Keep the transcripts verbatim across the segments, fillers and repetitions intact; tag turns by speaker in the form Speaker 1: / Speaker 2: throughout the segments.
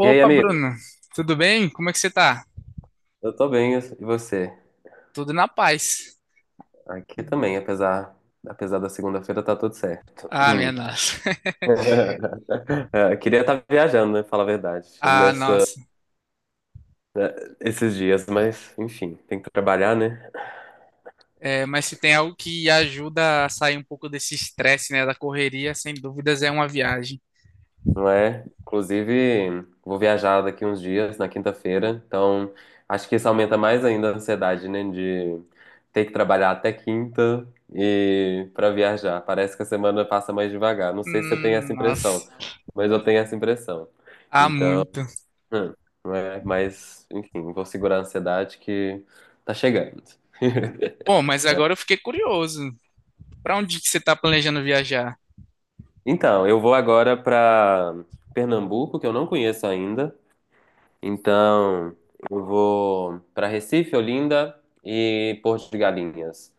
Speaker 1: E aí, amigo?
Speaker 2: Bruno, tudo bem? Como é que você tá?
Speaker 1: Eu tô bem, e você?
Speaker 2: Tudo na paz.
Speaker 1: Aqui também, apesar, apesar da segunda-feira, tá tudo certo.
Speaker 2: Ah, minha nossa.
Speaker 1: É, queria estar viajando, né? Falar a verdade,
Speaker 2: Ah,
Speaker 1: nessa,
Speaker 2: nossa.
Speaker 1: né, esses dias, mas enfim, tem que trabalhar, né?
Speaker 2: É, mas se tem algo que ajuda a sair um pouco desse estresse, né, da correria, sem dúvidas é uma viagem.
Speaker 1: Não é? Inclusive, vou viajar daqui uns dias, na quinta-feira, então acho que isso aumenta mais ainda a ansiedade, né? De ter que trabalhar até quinta e para viajar. Parece que a semana passa mais devagar. Não sei se você tem essa
Speaker 2: Hum, nossa.
Speaker 1: impressão, mas eu tenho essa impressão.
Speaker 2: Ah,
Speaker 1: Então,
Speaker 2: muito.
Speaker 1: hum, não é? Mas, enfim, vou segurar a ansiedade que tá chegando.
Speaker 2: Bom, mas agora eu fiquei curioso. Pra onde que você tá planejando viajar?
Speaker 1: Então, eu vou agora para Pernambuco, que eu não conheço ainda. Então, eu vou para Recife, Olinda e Porto de Galinhas.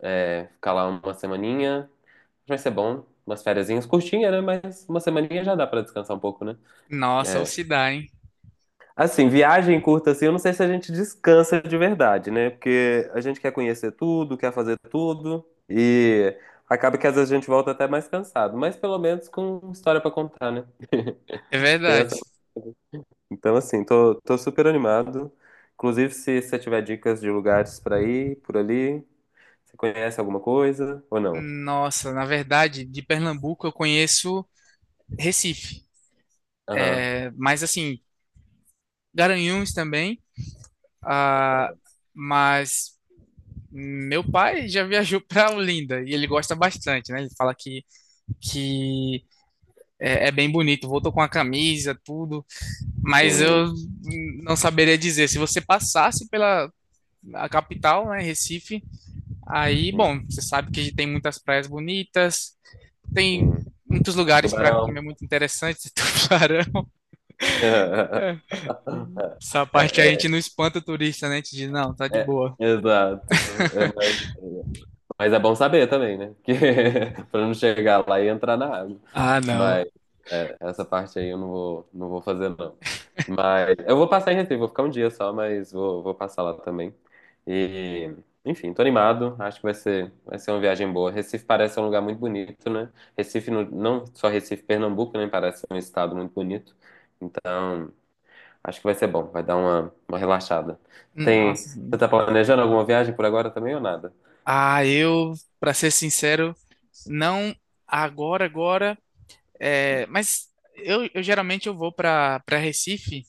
Speaker 1: É, ficar lá uma semaninha, vai ser bom. Umas fériasinhas curtinhas, né? Mas uma semaninha já dá para descansar um pouco, né?
Speaker 2: Nossa, ou
Speaker 1: É.
Speaker 2: se dá, hein?
Speaker 1: Assim, viagem curta assim, eu não sei se a gente descansa de verdade, né? Porque a gente quer conhecer tudo, quer fazer tudo e acaba que às vezes a gente volta até mais cansado, mas pelo menos com história para contar, né?
Speaker 2: É
Speaker 1: Tem essa
Speaker 2: verdade.
Speaker 1: Então, assim, tô, tô super animado. Inclusive, se você tiver dicas de lugares pra ir por ali, você conhece alguma coisa ou não?
Speaker 2: Nossa, na verdade, de Pernambuco eu conheço Recife.
Speaker 1: Aham,
Speaker 2: É, mas assim, Garanhuns também. Ah, mas Meu pai já viajou para Olinda e ele gosta bastante, né? Ele fala que, que é, é bem bonito, voltou com a camisa, tudo, mas
Speaker 1: sim,
Speaker 2: eu não saberia dizer. Se você passasse pela a capital, né, Recife, aí,
Speaker 1: sim,
Speaker 2: bom, você sabe que tem muitas praias bonitas, tem
Speaker 1: sim.
Speaker 2: muitos lugares para
Speaker 1: Tubarão.
Speaker 2: comer muito interessantes, tubarão. É. Essa
Speaker 1: É,
Speaker 2: parte a
Speaker 1: é,
Speaker 2: gente não espanta o turista, né? A gente diz, não, tá de
Speaker 1: é,
Speaker 2: boa.
Speaker 1: exato. É, mas, mas é bom saber também, né? Que, pra não chegar lá e entrar na água.
Speaker 2: Ah, não.
Speaker 1: Mas é, essa parte aí eu não vou, não vou, fazer, não. Mas eu vou passar em Recife, vou ficar um dia só, mas vou, vou passar lá também. E, enfim, tô animado, acho que vai ser, vai ser uma viagem boa. Recife parece um lugar muito bonito, né? Recife, no- não só Recife, Pernambuco, né? Parece um estado muito bonito. Então, acho que vai ser bom, vai dar uma, uma relaxada. Tem,
Speaker 2: Nossa.
Speaker 1: você tá planejando alguma viagem por agora também ou nada?
Speaker 2: Ah, eu, para ser sincero, não agora, agora, é, mas eu, eu geralmente eu vou para para Recife,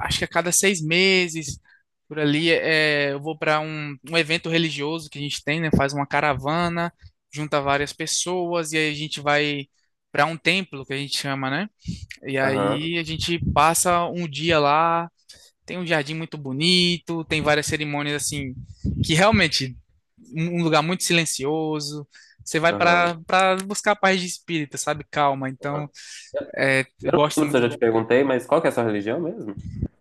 Speaker 2: acho que a cada seis meses, por ali, é, eu vou para um, um evento religioso que a gente tem, né? Faz uma caravana, junta várias pessoas e aí a gente vai para um templo que a gente chama, né? E
Speaker 1: Aham,
Speaker 2: aí a gente passa um dia lá, tem um jardim muito bonito, tem várias cerimônias assim que realmente um um lugar muito silencioso. Você vai
Speaker 1: aham,
Speaker 2: para para buscar paz de espírito, sabe? Calma. Então,
Speaker 1: aham.
Speaker 2: é, eu
Speaker 1: Eu não
Speaker 2: gosto
Speaker 1: lembro se
Speaker 2: muito.
Speaker 1: eu já te perguntei, mas qual que é a sua religião mesmo?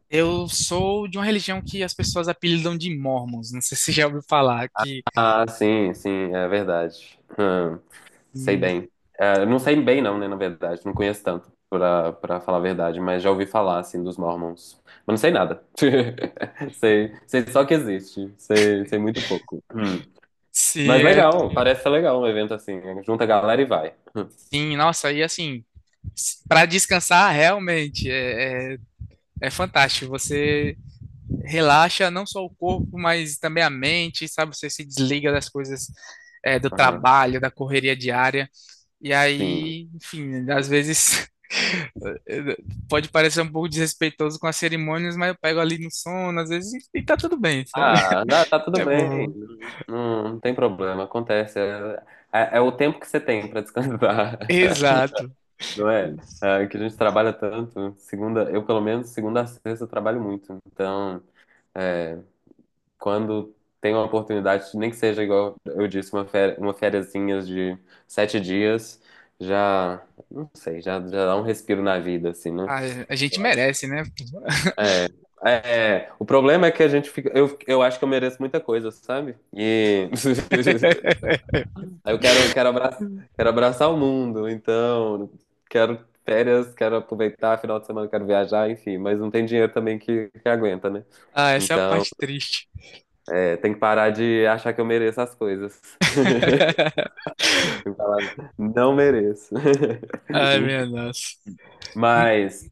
Speaker 2: Eu sou de uma religião que as pessoas apelidam de Mormons. Não sei se você já ouviu falar que
Speaker 1: Ah, sim, sim, é verdade. Hum, sei
Speaker 2: que
Speaker 1: bem. É, não sei bem, não, né, na verdade. Não conheço tanto, pra, pra falar a verdade, mas já ouvi falar, assim, dos Mormons. Mas não sei nada. Sei, sei só que existe. Sei, sei muito pouco. Hum. Mas
Speaker 2: se é
Speaker 1: legal, parece ser legal um evento assim, né? Junta a galera e vai.
Speaker 2: Sim. Nossa, e assim, para descansar realmente é, é, é fantástico. Você relaxa não só o corpo, mas também a mente, sabe? Você se desliga das coisas, é, do
Speaker 1: Aham,
Speaker 2: trabalho, da correria diária. E
Speaker 1: sim.
Speaker 2: aí, enfim, às vezes pode parecer um pouco desrespeitoso com as cerimônias, mas eu pego ali no sono, às vezes, e tá tudo bem, sabe?
Speaker 1: Ah, tá, tá tudo
Speaker 2: É
Speaker 1: bem.
Speaker 2: bom.
Speaker 1: Não, não tem problema, acontece. É, é- é o tempo que você tem pra descansar.
Speaker 2: Exato.
Speaker 1: Não é? É, que a gente trabalha tanto. Segunda, eu pelo menos segunda a sexta eu trabalho muito. Então, é, quando tem uma oportunidade, nem que seja igual eu disse, uma férias, uma fériazinha de sete dias, já, não sei, já, já dá um respiro na vida, assim, né?
Speaker 2: Ah, a gente
Speaker 1: Eu acho.
Speaker 2: merece, né?
Speaker 1: É, é, o problema é que a gente fica, eu, eu acho que eu mereço muita coisa, sabe? E Aí eu quero, quero abraçar, quero abraçar o mundo, então quero férias, quero aproveitar, final de semana quero viajar, enfim, mas não tem dinheiro também que, que aguenta, né?
Speaker 2: Ah, essa é a
Speaker 1: Então,
Speaker 2: parte triste.
Speaker 1: é, tem que parar de achar que eu mereço as coisas. Tem que falar, não mereço.
Speaker 2: Ai,
Speaker 1: Enfim,
Speaker 2: minha nossa. Hum.
Speaker 1: mas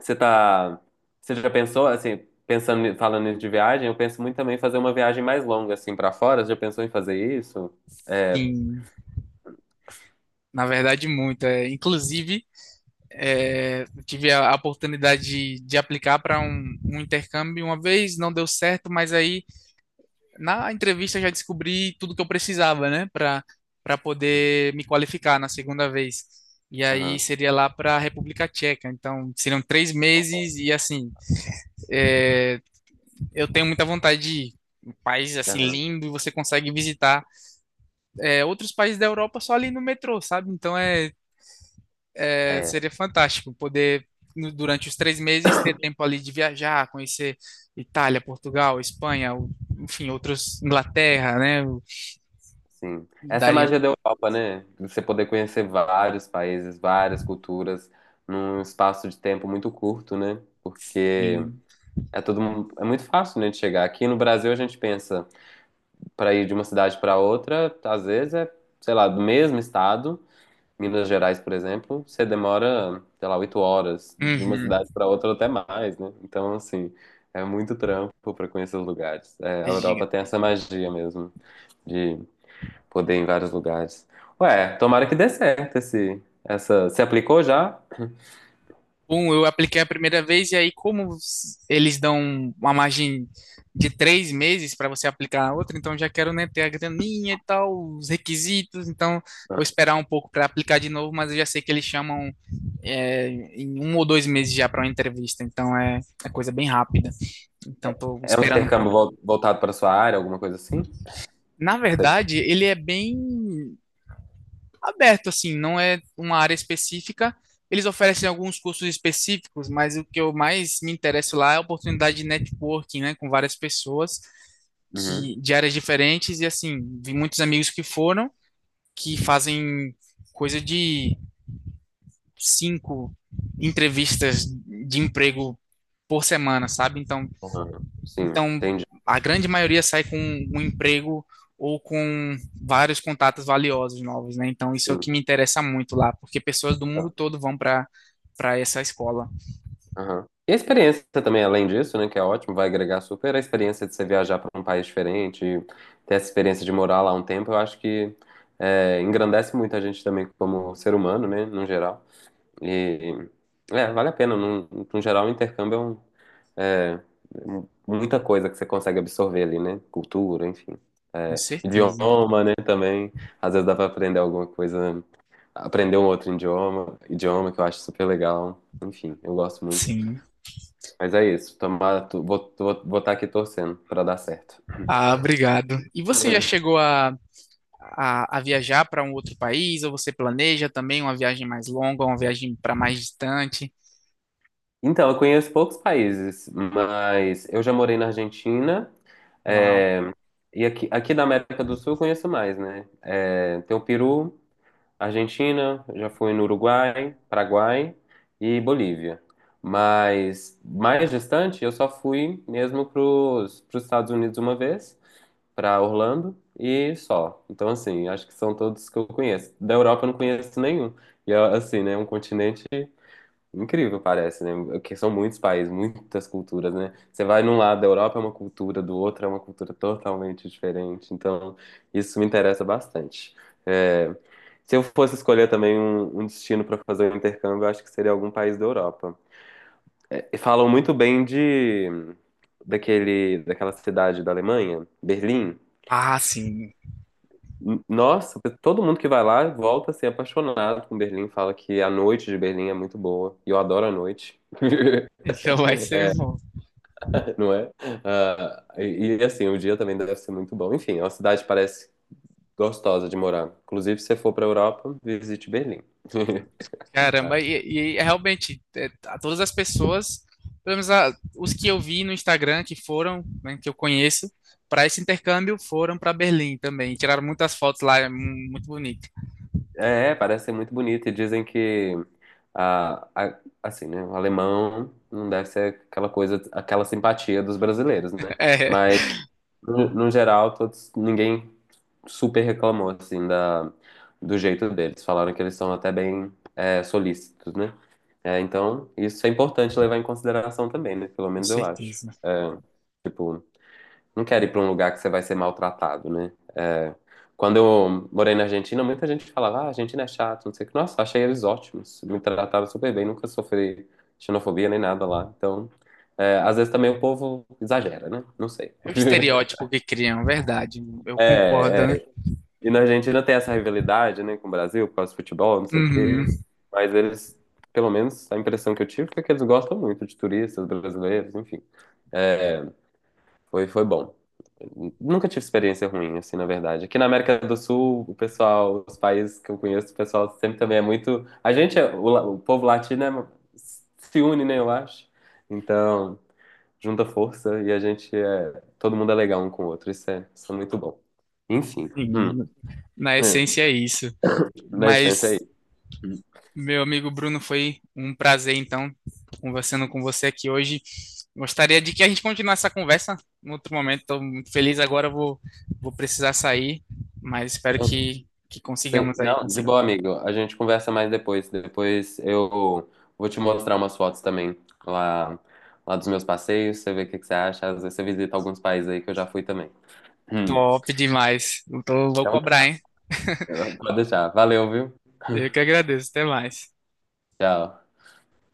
Speaker 1: você tá, você já pensou assim, pensando, falando nisso de viagem, eu penso muito também em fazer uma viagem mais longa assim para fora, você já pensou em fazer isso? É,
Speaker 2: Sim, na verdade, muito. É, inclusive. É, tive a, a oportunidade de, de aplicar para um, um intercâmbio uma vez, não deu certo, mas aí na entrevista já descobri tudo que eu precisava, né, para para poder me qualificar na segunda vez. E aí
Speaker 1: aham,
Speaker 2: seria lá para a República Tcheca. Então seriam três meses e assim, é, eu tenho muita vontade de ir. Um país assim
Speaker 1: aham,
Speaker 2: lindo e você consegue visitar é, outros países da Europa só ali no metrô, sabe? Então é É,
Speaker 1: é.
Speaker 2: seria fantástico poder, no- durante os três meses, ter tempo ali de viajar, conhecer Itália, Portugal, Espanha, o- enfim, outros, Inglaterra, né? Eu
Speaker 1: Sim. Essa é a
Speaker 2: daria.
Speaker 1: magia da Europa, né? Você poder conhecer vários países, várias culturas, num espaço de tempo muito curto, né? Porque
Speaker 2: Sim.
Speaker 1: é todo mu- é muito fácil, né, de chegar. Aqui no Brasil a gente pensa para ir de uma cidade para outra, às vezes é, sei lá, do mesmo estado, Minas Gerais, por exemplo, você demora, sei lá, oito horas de uma
Speaker 2: Uhum.
Speaker 1: cidade para outra ou até mais, né? Então, assim, é muito trampo para conhecer os lugares. É, a Europa tem essa magia mesmo de poder em vários lugares. Ué, tomara que dê certo esse, essa. Você aplicou já?
Speaker 2: Um, eu apliquei a primeira vez, e aí, como s- eles dão uma margem de três meses para você aplicar a outra, então já quero, né, ter a graninha e tal, os requisitos, então vou esperar um pouco para aplicar de novo, mas eu já sei que eles chamam é, em um ou dois meses já para uma entrevista, então é, é coisa bem rápida. Então, estou
Speaker 1: É um
Speaker 2: esperando um
Speaker 1: intercâmbio
Speaker 2: pouco.
Speaker 1: vol- voltado para sua área, alguma coisa assim?
Speaker 2: Na
Speaker 1: Sei.
Speaker 2: verdade, ele é bem aberto, assim, não é uma área específica. Eles oferecem alguns cursos específicos, mas o que eu mais me interesso lá é a oportunidade de networking, né, com várias pessoas
Speaker 1: Uhum,
Speaker 2: que de áreas diferentes e assim, vi muitos amigos que foram que
Speaker 1: uhum.
Speaker 2: fazem coisa de cinco entrevistas de emprego por semana, sabe? Então,
Speaker 1: Ah, sim,
Speaker 2: então,
Speaker 1: entendi.
Speaker 2: a grande maioria sai com um emprego ou com vários contatos valiosos novos, né? Então, isso é o
Speaker 1: Sim.
Speaker 2: que me interessa muito lá, porque pessoas do mundo
Speaker 1: Tá.
Speaker 2: todo vão para para essa escola.
Speaker 1: Aham. E a experiência também, além disso, né, que é ótimo, vai agregar super a experiência de você viajar para um país diferente, e ter essa experiência de morar lá um tempo, eu acho que é, engrandece muito a gente também como ser humano, né, no geral. E, é, vale a pena, no, no geral, o intercâmbio é um, É, muita coisa que você consegue absorver ali, né? Cultura, enfim.
Speaker 2: Com
Speaker 1: É,
Speaker 2: certeza.
Speaker 1: idioma, né, também. Às vezes dá pra aprender alguma coisa, aprender um outro idioma, idioma que eu acho super legal. Enfim, eu gosto muito.
Speaker 2: Sim.
Speaker 1: Mas é isso, tomara, tu- vou, vou, vou estar aqui torcendo pra dar certo.
Speaker 2: Ah, obrigado. E você já chegou a, a, a viajar para um outro país? Ou você planeja também uma viagem mais longa, uma viagem para mais distante?
Speaker 1: Então, eu conheço poucos países, mas eu já morei na Argentina,
Speaker 2: Uau.
Speaker 1: é, e aqui, aqui da América do Sul eu conheço mais, né? É, tem o Peru, Argentina, já fui no Uruguai, Paraguai e Bolívia. Mas mais distante, eu só fui mesmo para os Estados Unidos uma vez, para Orlando e só. Então, assim, acho que são todos que eu conheço. Da Europa eu não conheço nenhum. E, assim, né, é um continente incrível, parece, né? Porque são muitos países, muitas culturas, né? Você vai num lado da Europa é uma cultura, do outro é uma cultura totalmente diferente. Então, isso me interessa bastante. É, se eu fosse escolher também um, um destino para fazer um intercâmbio, eu acho que seria algum país da Europa. É, falam muito bem de daquele, daquela cidade da Alemanha, Berlim.
Speaker 2: Ah, sim.
Speaker 1: N- Nossa, todo mundo que vai lá volta a ser apaixonado com Berlim, fala que a noite de Berlim é muito boa. E eu adoro a noite.
Speaker 2: Então vai ser bom.
Speaker 1: Não é? Ah, e, e, assim, o dia também deve ser muito bom. Enfim, é uma cidade que parece gostosa de morar. Inclusive, se você for para a Europa, visite Berlim.
Speaker 2: Caramba, e, e é realmente, é, a todas as pessoas, pelo menos a- os que eu vi no Instagram, que foram, né, que eu conheço, para esse intercâmbio, foram para Berlim também. Tiraram muitas fotos lá, é mu- muito bonito.
Speaker 1: É, parece ser muito bonito e dizem que a, a- assim, né, o alemão não deve ser aquela coisa, aquela simpatia dos brasileiros, né?
Speaker 2: É,
Speaker 1: Mas no, no geral, todos, ninguém super reclamou, assim, da, do jeito deles. Falaram que eles são até bem é, solícitos, né? É, então, isso é importante levar em consideração também, né? Pelo
Speaker 2: com
Speaker 1: menos eu acho.
Speaker 2: certeza.
Speaker 1: Tipo, não quero ir pra um lugar que você vai ser maltratado, né? É, quando eu morei na Argentina, muita gente falava, ah, a Argentina é chato, não sei o que. Nossa, achei eles ótimos. Me trataram super bem, nunca sofri xenofobia nem nada lá. Então, é, às vezes também o povo exagera, né? Não sei.
Speaker 2: É o estereótipo que criam, verdade. Eu concordo,
Speaker 1: É,
Speaker 2: né?
Speaker 1: e na Argentina tem essa rivalidade, né, com o Brasil, por causa do futebol, não sei o
Speaker 2: Uhum,
Speaker 1: quê. Mas eles, pelo menos a impressão que eu tive foi que eles gostam muito de turistas brasileiros, enfim. É, foi, foi bom. Nunca tive experiência ruim, assim, na verdade. Aqui na América do Sul, o pessoal, os países que eu conheço, o pessoal sempre também é muito. A gente, é- o, la- o povo latino é- se une, né, eu acho. Então, junta força e a gente é. Todo mundo é legal um com o outro. Isso é, isso é muito bom. Enfim. hum,
Speaker 2: sim, na
Speaker 1: é,
Speaker 2: essência é isso.
Speaker 1: na essência
Speaker 2: Mas
Speaker 1: é. Hum.
Speaker 2: Meu amigo Bruno, foi um prazer, então, conversando com você aqui hoje. Gostaria de que a gente continuasse essa conversa em outro momento. Estou muito feliz agora, vou, vou precisar sair, mas espero
Speaker 1: Eu
Speaker 2: que, que consigamos aí.
Speaker 1: Não, de
Speaker 2: Consiga.
Speaker 1: boa, amigo. A gente conversa mais depois. Depois eu vou te mostrar umas fotos também lá, lá dos meus passeios. Você vê o que que você acha. Às vezes você visita alguns países aí que eu já fui também. Hum.
Speaker 2: Top demais. Então, vou
Speaker 1: Então,
Speaker 2: cobrar, hein?
Speaker 1: pode deixar. Valeu, viu?
Speaker 2: Eu que agradeço. Até mais.
Speaker 1: Tchau.